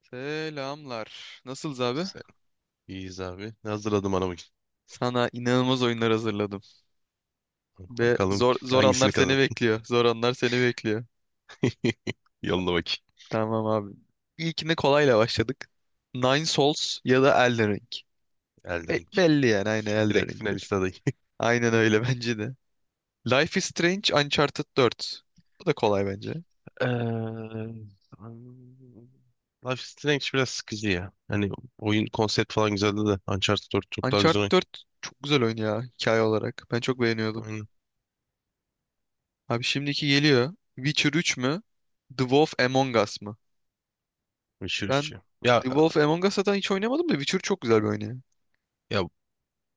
Selamlar. Nasılız abi? Sen iyiyiz abi. Ne hazırladım ana bakayım. Sana inanılmaz oyunlar hazırladım. Ve Bakalım zor zor anlar hangisini kazan. seni bekliyor. Zor anlar seni bekliyor. Yolla bakayım. Tamam abi. İlkine kolayla başladık. Nine Souls ya da Elden Ring. Elden Ring. Belli yani aynı Elden Direkt Ring'dir. finalist adayı. Aynen öyle bence de. Life is Strange Uncharted 4. Bu da kolay bence. Eee, Life is Strange biraz sıkıcı ya. Hani oyun konsept falan güzeldi de Uncharted 4 çok daha Uncharted güzel oyun. 4 çok güzel oyun ya hikaye olarak. Ben çok beğeniyordum. Aynen. Abi şimdiki geliyor. Witcher üç mü? The Wolf Among Us. Witcher 3 Ben ya. Ya, The Wolf Among Us'tan hiç oynamadım da Witcher çok güzel bir oyun ya. ya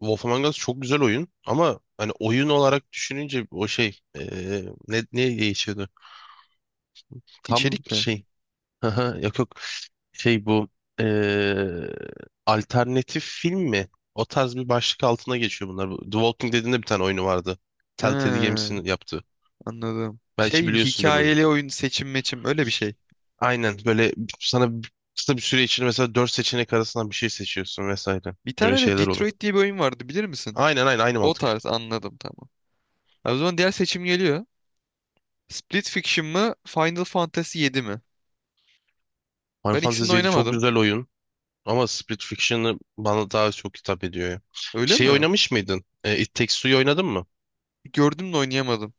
Wolf Among Us çok güzel oyun ama hani oyun olarak düşününce o şey, ne değişiyordu? Tam İçerik mi? şey. Aha, yok yok, şey bu, eee, alternatif film mi? O tarz bir başlık altına geçiyor bunlar. Bu The Walking Dead'in de bir tane oyunu vardı. He, Telltale Games'in yaptığı. anladım. Belki Şey, bir biliyorsundur böyle. hikayeli oyun seçim meçim öyle bir şey. Aynen böyle, sana kısa bir süre içinde mesela dört seçenek arasından bir şey seçiyorsun vesaire. Bir tane Öyle öyle şeyler oluyor. Detroit diye bir oyun vardı bilir misin? Aynen aynen, aynı O mantık. tarz, anladım, tamam. Ha, o zaman diğer seçim geliyor. Split Fiction mı Final Fantasy yedi mi? Final Ben ikisini de Fantasy 7 çok oynamadım. güzel oyun ama Split Fiction'ı bana daha çok hitap ediyor ya. Öyle Şey, mi? oynamış mıydın? It Takes Two'yu oynadın mı? Gördüm de oynayamadım.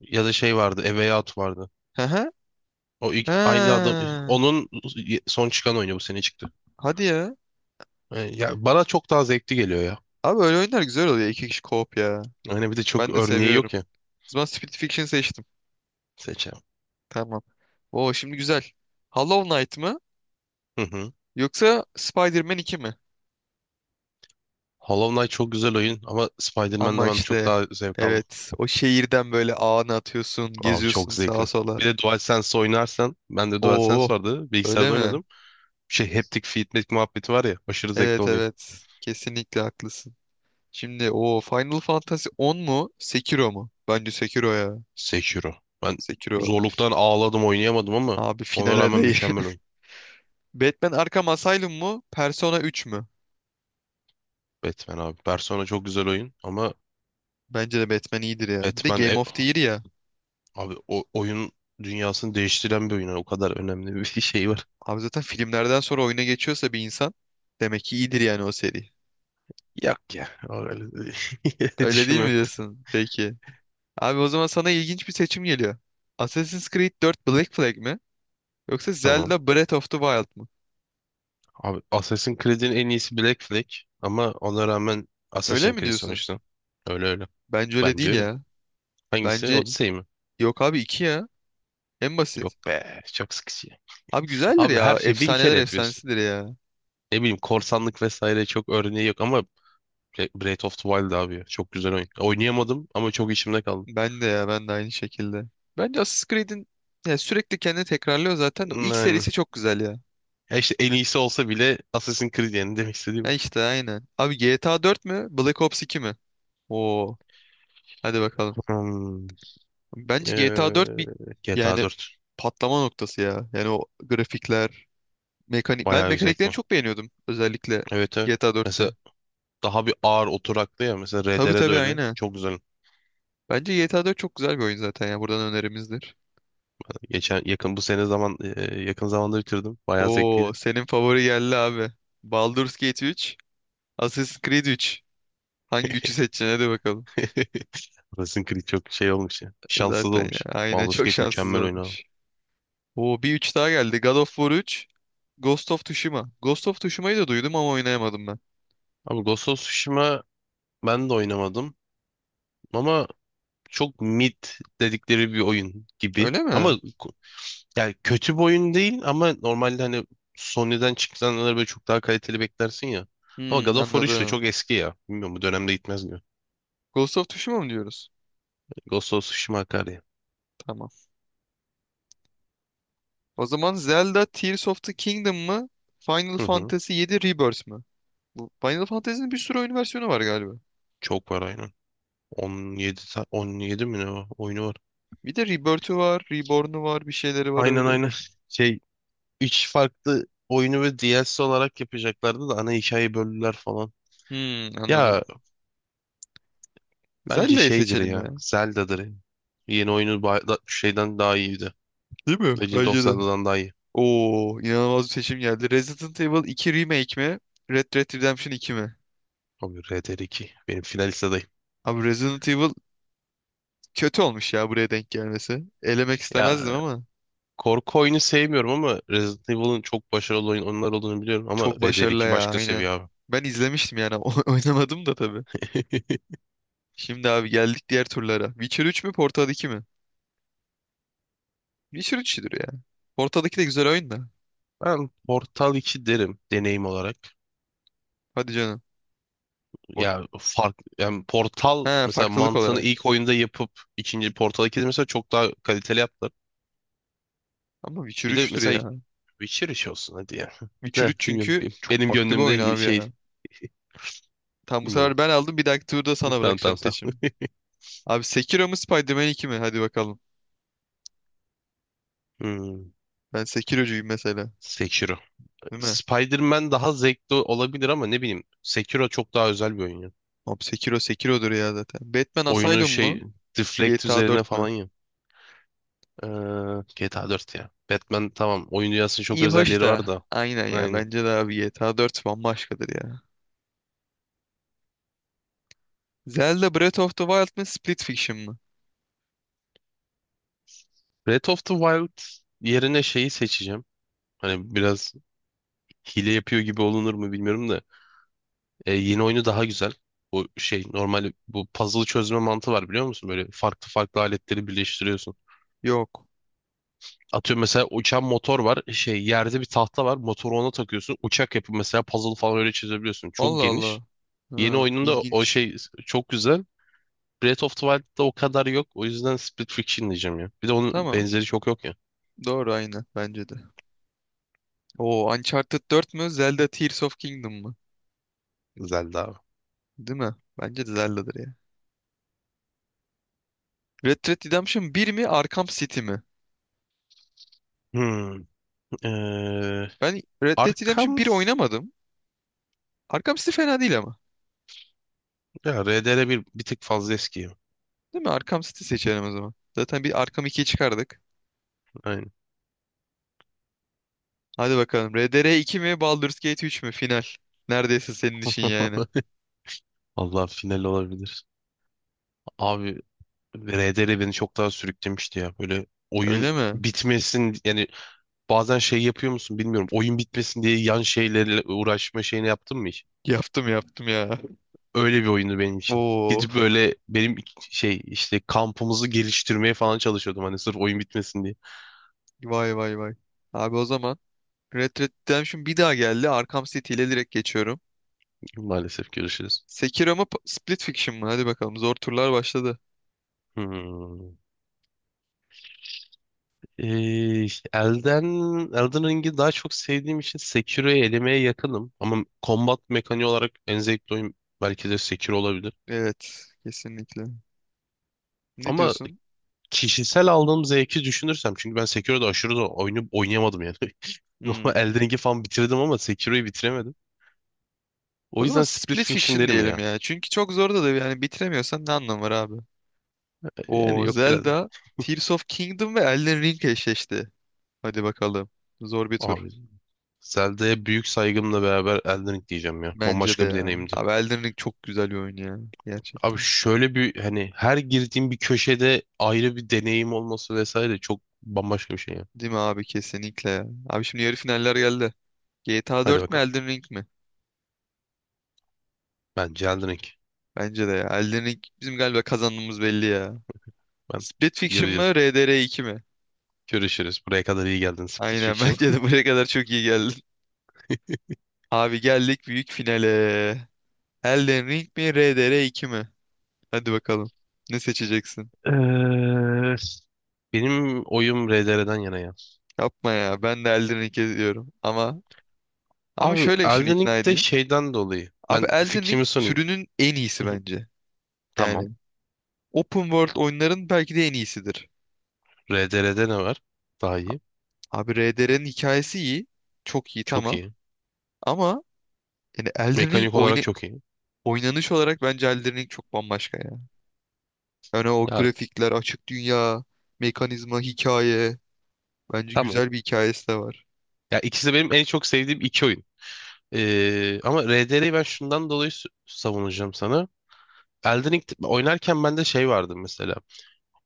Ya da şey vardı, A Way Out vardı. Hı hı. O ilk, Ha. aynı adam, onun son çıkan oyunu bu sene çıktı. Hadi ya. Yani ya bana çok daha zevkli geliyor ya. Abi öyle oyunlar güzel oluyor. İki kişi co-op ya. Yani bir de çok Ben de örneği seviyorum. yok ya, O zaman Split Fiction seçtim. seçeceğim. Tamam. Oo, şimdi güzel. Hollow Knight mı? Hı hı. Yoksa Spider-Man 2 mi? Hollow Knight çok güzel oyun ama Spider-Man'de Ama ben çok işte daha zevk aldım. evet, o şehirden böyle ağını atıyorsun, Abi çok geziyorsun sağa zevkli. sola. Bir de DualSense oynarsan, ben de Oo, DualSense vardı, öyle bilgisayarda mi? oynadım. Şey, haptic feedback muhabbeti var ya, aşırı zevkli Evet oluyor. evet, kesinlikle haklısın. Şimdi o Final Fantasy 10 mu? Sekiro mu? Bence Sekiro ya. Sekiro. Ben Sekiro zorluktan ağladım, oynayamadım ama abi, ona final rağmen adayı. mükemmel oyun. Batman Arkham Asylum mu? Persona 3 mü? Batman abi. Persona çok güzel oyun ama Bence de Batman iyidir ya. Bir de Batman. Game E, of the Year ya. abi o oyun dünyasını değiştiren bir oyun. Yani o kadar önemli bir şey var. Abi zaten filmlerden sonra oyuna geçiyorsa bir insan, demek ki iyidir yani o seri. Yok ya. Öyle Öyle değil mi düşünmemek. diyorsun? Peki. Abi o zaman sana ilginç bir seçim geliyor. Assassin's Creed 4 Black Flag mi? Yoksa Tamam. Zelda Breath of the Wild mı? Abi Assassin's Creed'in en iyisi Black Flag. Ama ona rağmen Öyle Assassin's mi Creed diyorsun? sonuçta. Öyle öyle. Bence öyle Bence değil öyle. ya. Hangisi? Bence Odyssey mi? yok abi, 2 ya. En Yok basit. be. Çok sıkıcı. Abi güzeldir Abi her ya. şeyi bin kere Efsaneler yapıyorsun. efsanesidir ya. Ne bileyim, korsanlık vesaire çok örneği yok ama Breath of the Wild abi ya. Çok güzel oyun. Oynayamadım ama çok içimde kaldı. Ben de ya, ben de aynı şekilde. Bence Assassin's Creed'in ya, sürekli kendini tekrarlıyor zaten de. İlk Yani. serisi çok güzel ya. Ya işte, en iyisi olsa bile Assassin's Creed yani demek Ha, istediğim. işte aynen. Abi GTA 4 mü? Black Ops 2 mi? Oo. Hadi bakalım. Hmm, Bence GTA 4 eee, bir GTA yani 4 patlama noktası ya. Yani o grafikler, mekanik. Ben bayağı güzel mekaniklerini ekran. çok beğeniyordum özellikle Evet evet. GTA Mesela 4'te. daha bir ağır oturaklı ya. Mesela Tabii RDR de tabii, öyle. aynen. Çok güzel. Bence GTA 4 çok güzel bir oyun zaten ya. Buradan önerimizdir. Geçen yakın bu sene zaman, yakın zamanda bitirdim. Bayağı Oo, zevkliydi. senin favori geldi abi. Baldur's Gate 3, Assassin's Creed 3. Hangi üçü seçeceksin? Hadi bakalım. Assassin's Creed çok şey olmuş ya. Şanssız Zaten ya. olmuş. Aynen, Baldur's çok Gate şanssız mükemmel oyun abi. olmuş. Oo, bir üç daha geldi. God of War 3, Ghost of Tsushima. Ghost of Tsushima'yı da duydum ama oynayamadım ben. Abi Ghost of Tsushima, ben de oynamadım. Ama çok mid dedikleri bir oyun gibi. Öyle Ama mi? yani kötü bir oyun değil ama normalde hani Sony'den çıkanları böyle çok daha kaliteli beklersin ya. Ama Hmm, God of War 3 de anladım. çok eski ya. Bilmiyorum, bu dönemde gitmez gibi. Ghost of Tsushima mı diyoruz? Ghost of Tsushima akar ya. Tamam. O zaman Zelda Tears of the Kingdom mı? Final Hı hı. Fantasy yedi, Rebirth mı? Bu Final Fantasy'nin bir sürü oyun versiyonu var galiba. Çok var aynen. 17, 17 mi ne var? Oyunu var. Bir de Rebirth'ü var, Reborn'u var, bir şeyleri var Aynen öyle. aynen. Şey, 3 farklı oyunu ve DLC olarak yapacaklardı da ana hikayeyi böldüler falan. Hmm, anladım. Ya bence Zelda'yı şeydir seçelim ya. ya, Zelda'dır ya. Yeni oyunu şeyden daha iyiydi. Değil mi? Legend of Bence de. Zelda'dan daha iyi. Oo, inanılmaz bir seçim geldi. Resident Evil iki Remake mi? Red Dead Redemption iki mi? Abi RDR2. Benim finalist adayım. Abi Resident Evil, kötü olmuş ya buraya denk gelmesi. Elemek istemezdim Ya, ama. korku oyunu sevmiyorum ama Resident Evil'ın çok başarılı oyun onlar olduğunu biliyorum ama Çok Red Dead başarılı 2 ya, başka aynen. seviye abi. Ben izlemiştim yani oynamadım da tabii. Şimdi abi geldik diğer turlara. Witcher üç mü Portal 2 mi? Witcher üç'tür ya. Portal 2 de güzel oyun da. Ben Portal 2 derim deneyim olarak. Hadi canım. Port Ya fark yani, Portal He, mesela farklılık mantığını olarak. ilk oyunda yapıp ikinci Portal 2'de mesela çok daha kaliteli yaptılar. Ama Witcher Bir de üç'tür mesela ya. Witcher iş olsun hadi ya. Witcher De üç, bilmiyorum, çünkü çok benim farklı bir oyun gönlümde abi şey, ya. Tam bu bilmiyorum. sefer ben aldım, bir dahaki turda sana Tamam bırakacağım tamam tamam. seçimi. Abi Sekiro mu Spider-Man 2 mi? Hadi bakalım. Hmm. Ben Sekirocuyum mesela. Sekiro. Değil mi? Spider-Man daha zevkli olabilir ama ne bileyim, Sekiro çok daha özel bir oyun. Abi Sekiro Sekiro'dur ya zaten. Batman Oyunu Asylum mu? şey, Deflect GTA üzerine 4 falan mü? ya. Ee, GTA 4 ya. Batman tamam, oyun dünyasının çok İyi hoş özellikleri da, var da. aynen ya, Aynen. bence de abi GTA 4 bambaşkadır ya. Zelda Breath of the Wild mı Split Fiction mı? Breath of the Wild yerine şeyi seçeceğim. Hani biraz hile yapıyor gibi olunur mu bilmiyorum da. Yeni oyunu daha güzel. Bu şey normal, bu puzzle çözme mantığı var, biliyor musun? Böyle farklı farklı aletleri birleştiriyorsun. Yok. Atıyorum mesela uçan motor var. Şey, yerde bir tahta var. Motoru ona takıyorsun. Uçak yapıp mesela puzzle falan öyle çözebiliyorsun. Çok Allah geniş. Allah. Yeni Ha, oyununda o ilginç. şey çok güzel. Breath of the Wild'da o kadar yok. O yüzden Split Fiction diyeceğim ya. Bir de onun Tamam. benzeri çok yok ya. Doğru, aynı bence de. Oo, Uncharted dört mü Zelda Tears of Kingdom mı? Zelda abi. Değil mi? Bence de Zelda'dır ya. Red Dead Redemption bir mi Arkham City mi? Hmm. Ee, Ben Red Dead Redemption Arkham bir oynamadım. Arkham City fena değil ama. ya RDR, bir tık fazla eski. Değil mi? Arkham City seçelim o zaman. Zaten bir Arkham 2'yi çıkardık. Aynen. Hadi bakalım. RDR iki mi Baldur's Gate 3 mü? Final. Neredeyse senin işin yani. Allah, final olabilir. Abi RDR beni çok daha sürüklemişti ya. Böyle oyun Öyle mi? bitmesin yani, bazen şey yapıyor musun bilmiyorum. Oyun bitmesin diye yan şeylerle uğraşma şeyini yaptın mı hiç? Yaptım yaptım ya. Öyle bir oyundu benim için. Oo. Gidip böyle benim şey, işte kampımızı geliştirmeye falan çalışıyordum. Hani sırf oyun bitmesin diye. Vay vay vay. Abi o zaman Red Dead Redemption bir daha geldi. Arkham City ile direkt geçiyorum. Maalesef görüşürüz. Sekiro mu Split Fiction mı? Hadi bakalım. Zor turlar başladı. Hmm. İşte Elden Ring'i daha çok sevdiğim için Sekiro'yu elemeye yakınım. Ama combat mekaniği olarak en zevkli oyun belki de Sekiro olabilir. Evet. Kesinlikle. Ne Ama diyorsun? kişisel aldığım zevki düşünürsem, çünkü ben Sekiro'da aşırı da oyunu oynayamadım yani. Normal Hmm. Elden Ring'i falan bitirdim ama Sekiro'yu bitiremedim. O O zaman yüzden Split Split Fiction Fiction derim diyelim ya. ya. Çünkü çok zor da yani, bitiremiyorsan ne anlamı var abi? Yani Oo yok, biraz... Zelda, Tears of Kingdom ve Elden Ring eşleşti. Hadi bakalım. Zor bir tur. Abi Zelda'ya büyük saygımla beraber Elden Ring diyeceğim ya. Bence de Bambaşka bir ya. deneyimdi. Abi Elden Ring çok güzel bir oyun ya. Abi Gerçekten. şöyle bir, hani her girdiğim bir köşede ayrı bir deneyim olması vesaire, çok bambaşka bir şey ya. Değil mi abi? Kesinlikle ya. Abi şimdi yarı finaller geldi. GTA Hadi 4 mi bakalım. Elden Ring mi? Bence Elden Ring. Bence de ya. Elden Ring bizim galiba kazandığımız belli ya. Ben, Split Fiction göreceğiz. mı RDR 2 mi? Görüşürüz. Buraya kadar iyi geldin Split Aynen Fiction. bence de buraya kadar çok iyi geldin. Abi geldik büyük finale. Elden Ring mi RDR 2 mi? Hadi bakalım. Ne seçeceksin? Eee, benim oyum RDR'den yana ya. Yapma ya. Ben de Elden Ring'e diyorum. Ama Abi şöyle şimdi Elden ikna Ring'de edeyim. şeyden dolayı. Abi Ben Elden Ring fikrimi sunayım. türünün en iyisi bence. Yani Tamam. Open World oyunların belki de en iyisidir. RDR'de ne var? Daha iyi. Abi RDR'nin hikayesi iyi. Çok iyi Çok tamam. iyi. Ama yani Elden Ring Mekanik olarak çok iyi. oynanış olarak bence Elden Ring çok bambaşka ya. Yani o Ya grafikler, açık dünya, mekanizma, hikaye. Bence tamam. güzel bir hikayesi de var. Ya ikisi de benim en çok sevdiğim iki oyun. Ama RDR'yi ben şundan dolayı savunacağım sana. Elden Ring oynarken bende şey vardı mesela.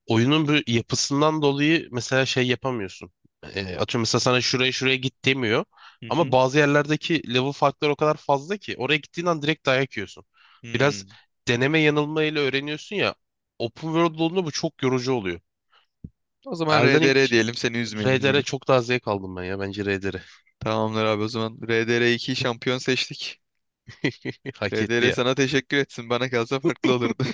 Oyunun bu yapısından dolayı mesela şey yapamıyorsun. Atıyorum, mesela sana şuraya şuraya git demiyor. Hı Ama hı. bazı yerlerdeki level farkları o kadar fazla ki oraya gittiğin an direkt dayak yiyorsun. Biraz Hmm. deneme yanılmayla öğreniyorsun ya. Open World olduğunda bu çok yorucu oluyor. O zaman Elden Ring, RDR diyelim, seni üzmeyelim RDR bugün. çok daha zevk aldım ben ya. Bence RDR Tamamdır abi, o zaman RDR 2 şampiyon seçtik. hak etti RDR sana ya. teşekkür etsin. Bana kalsa farklı olurdu.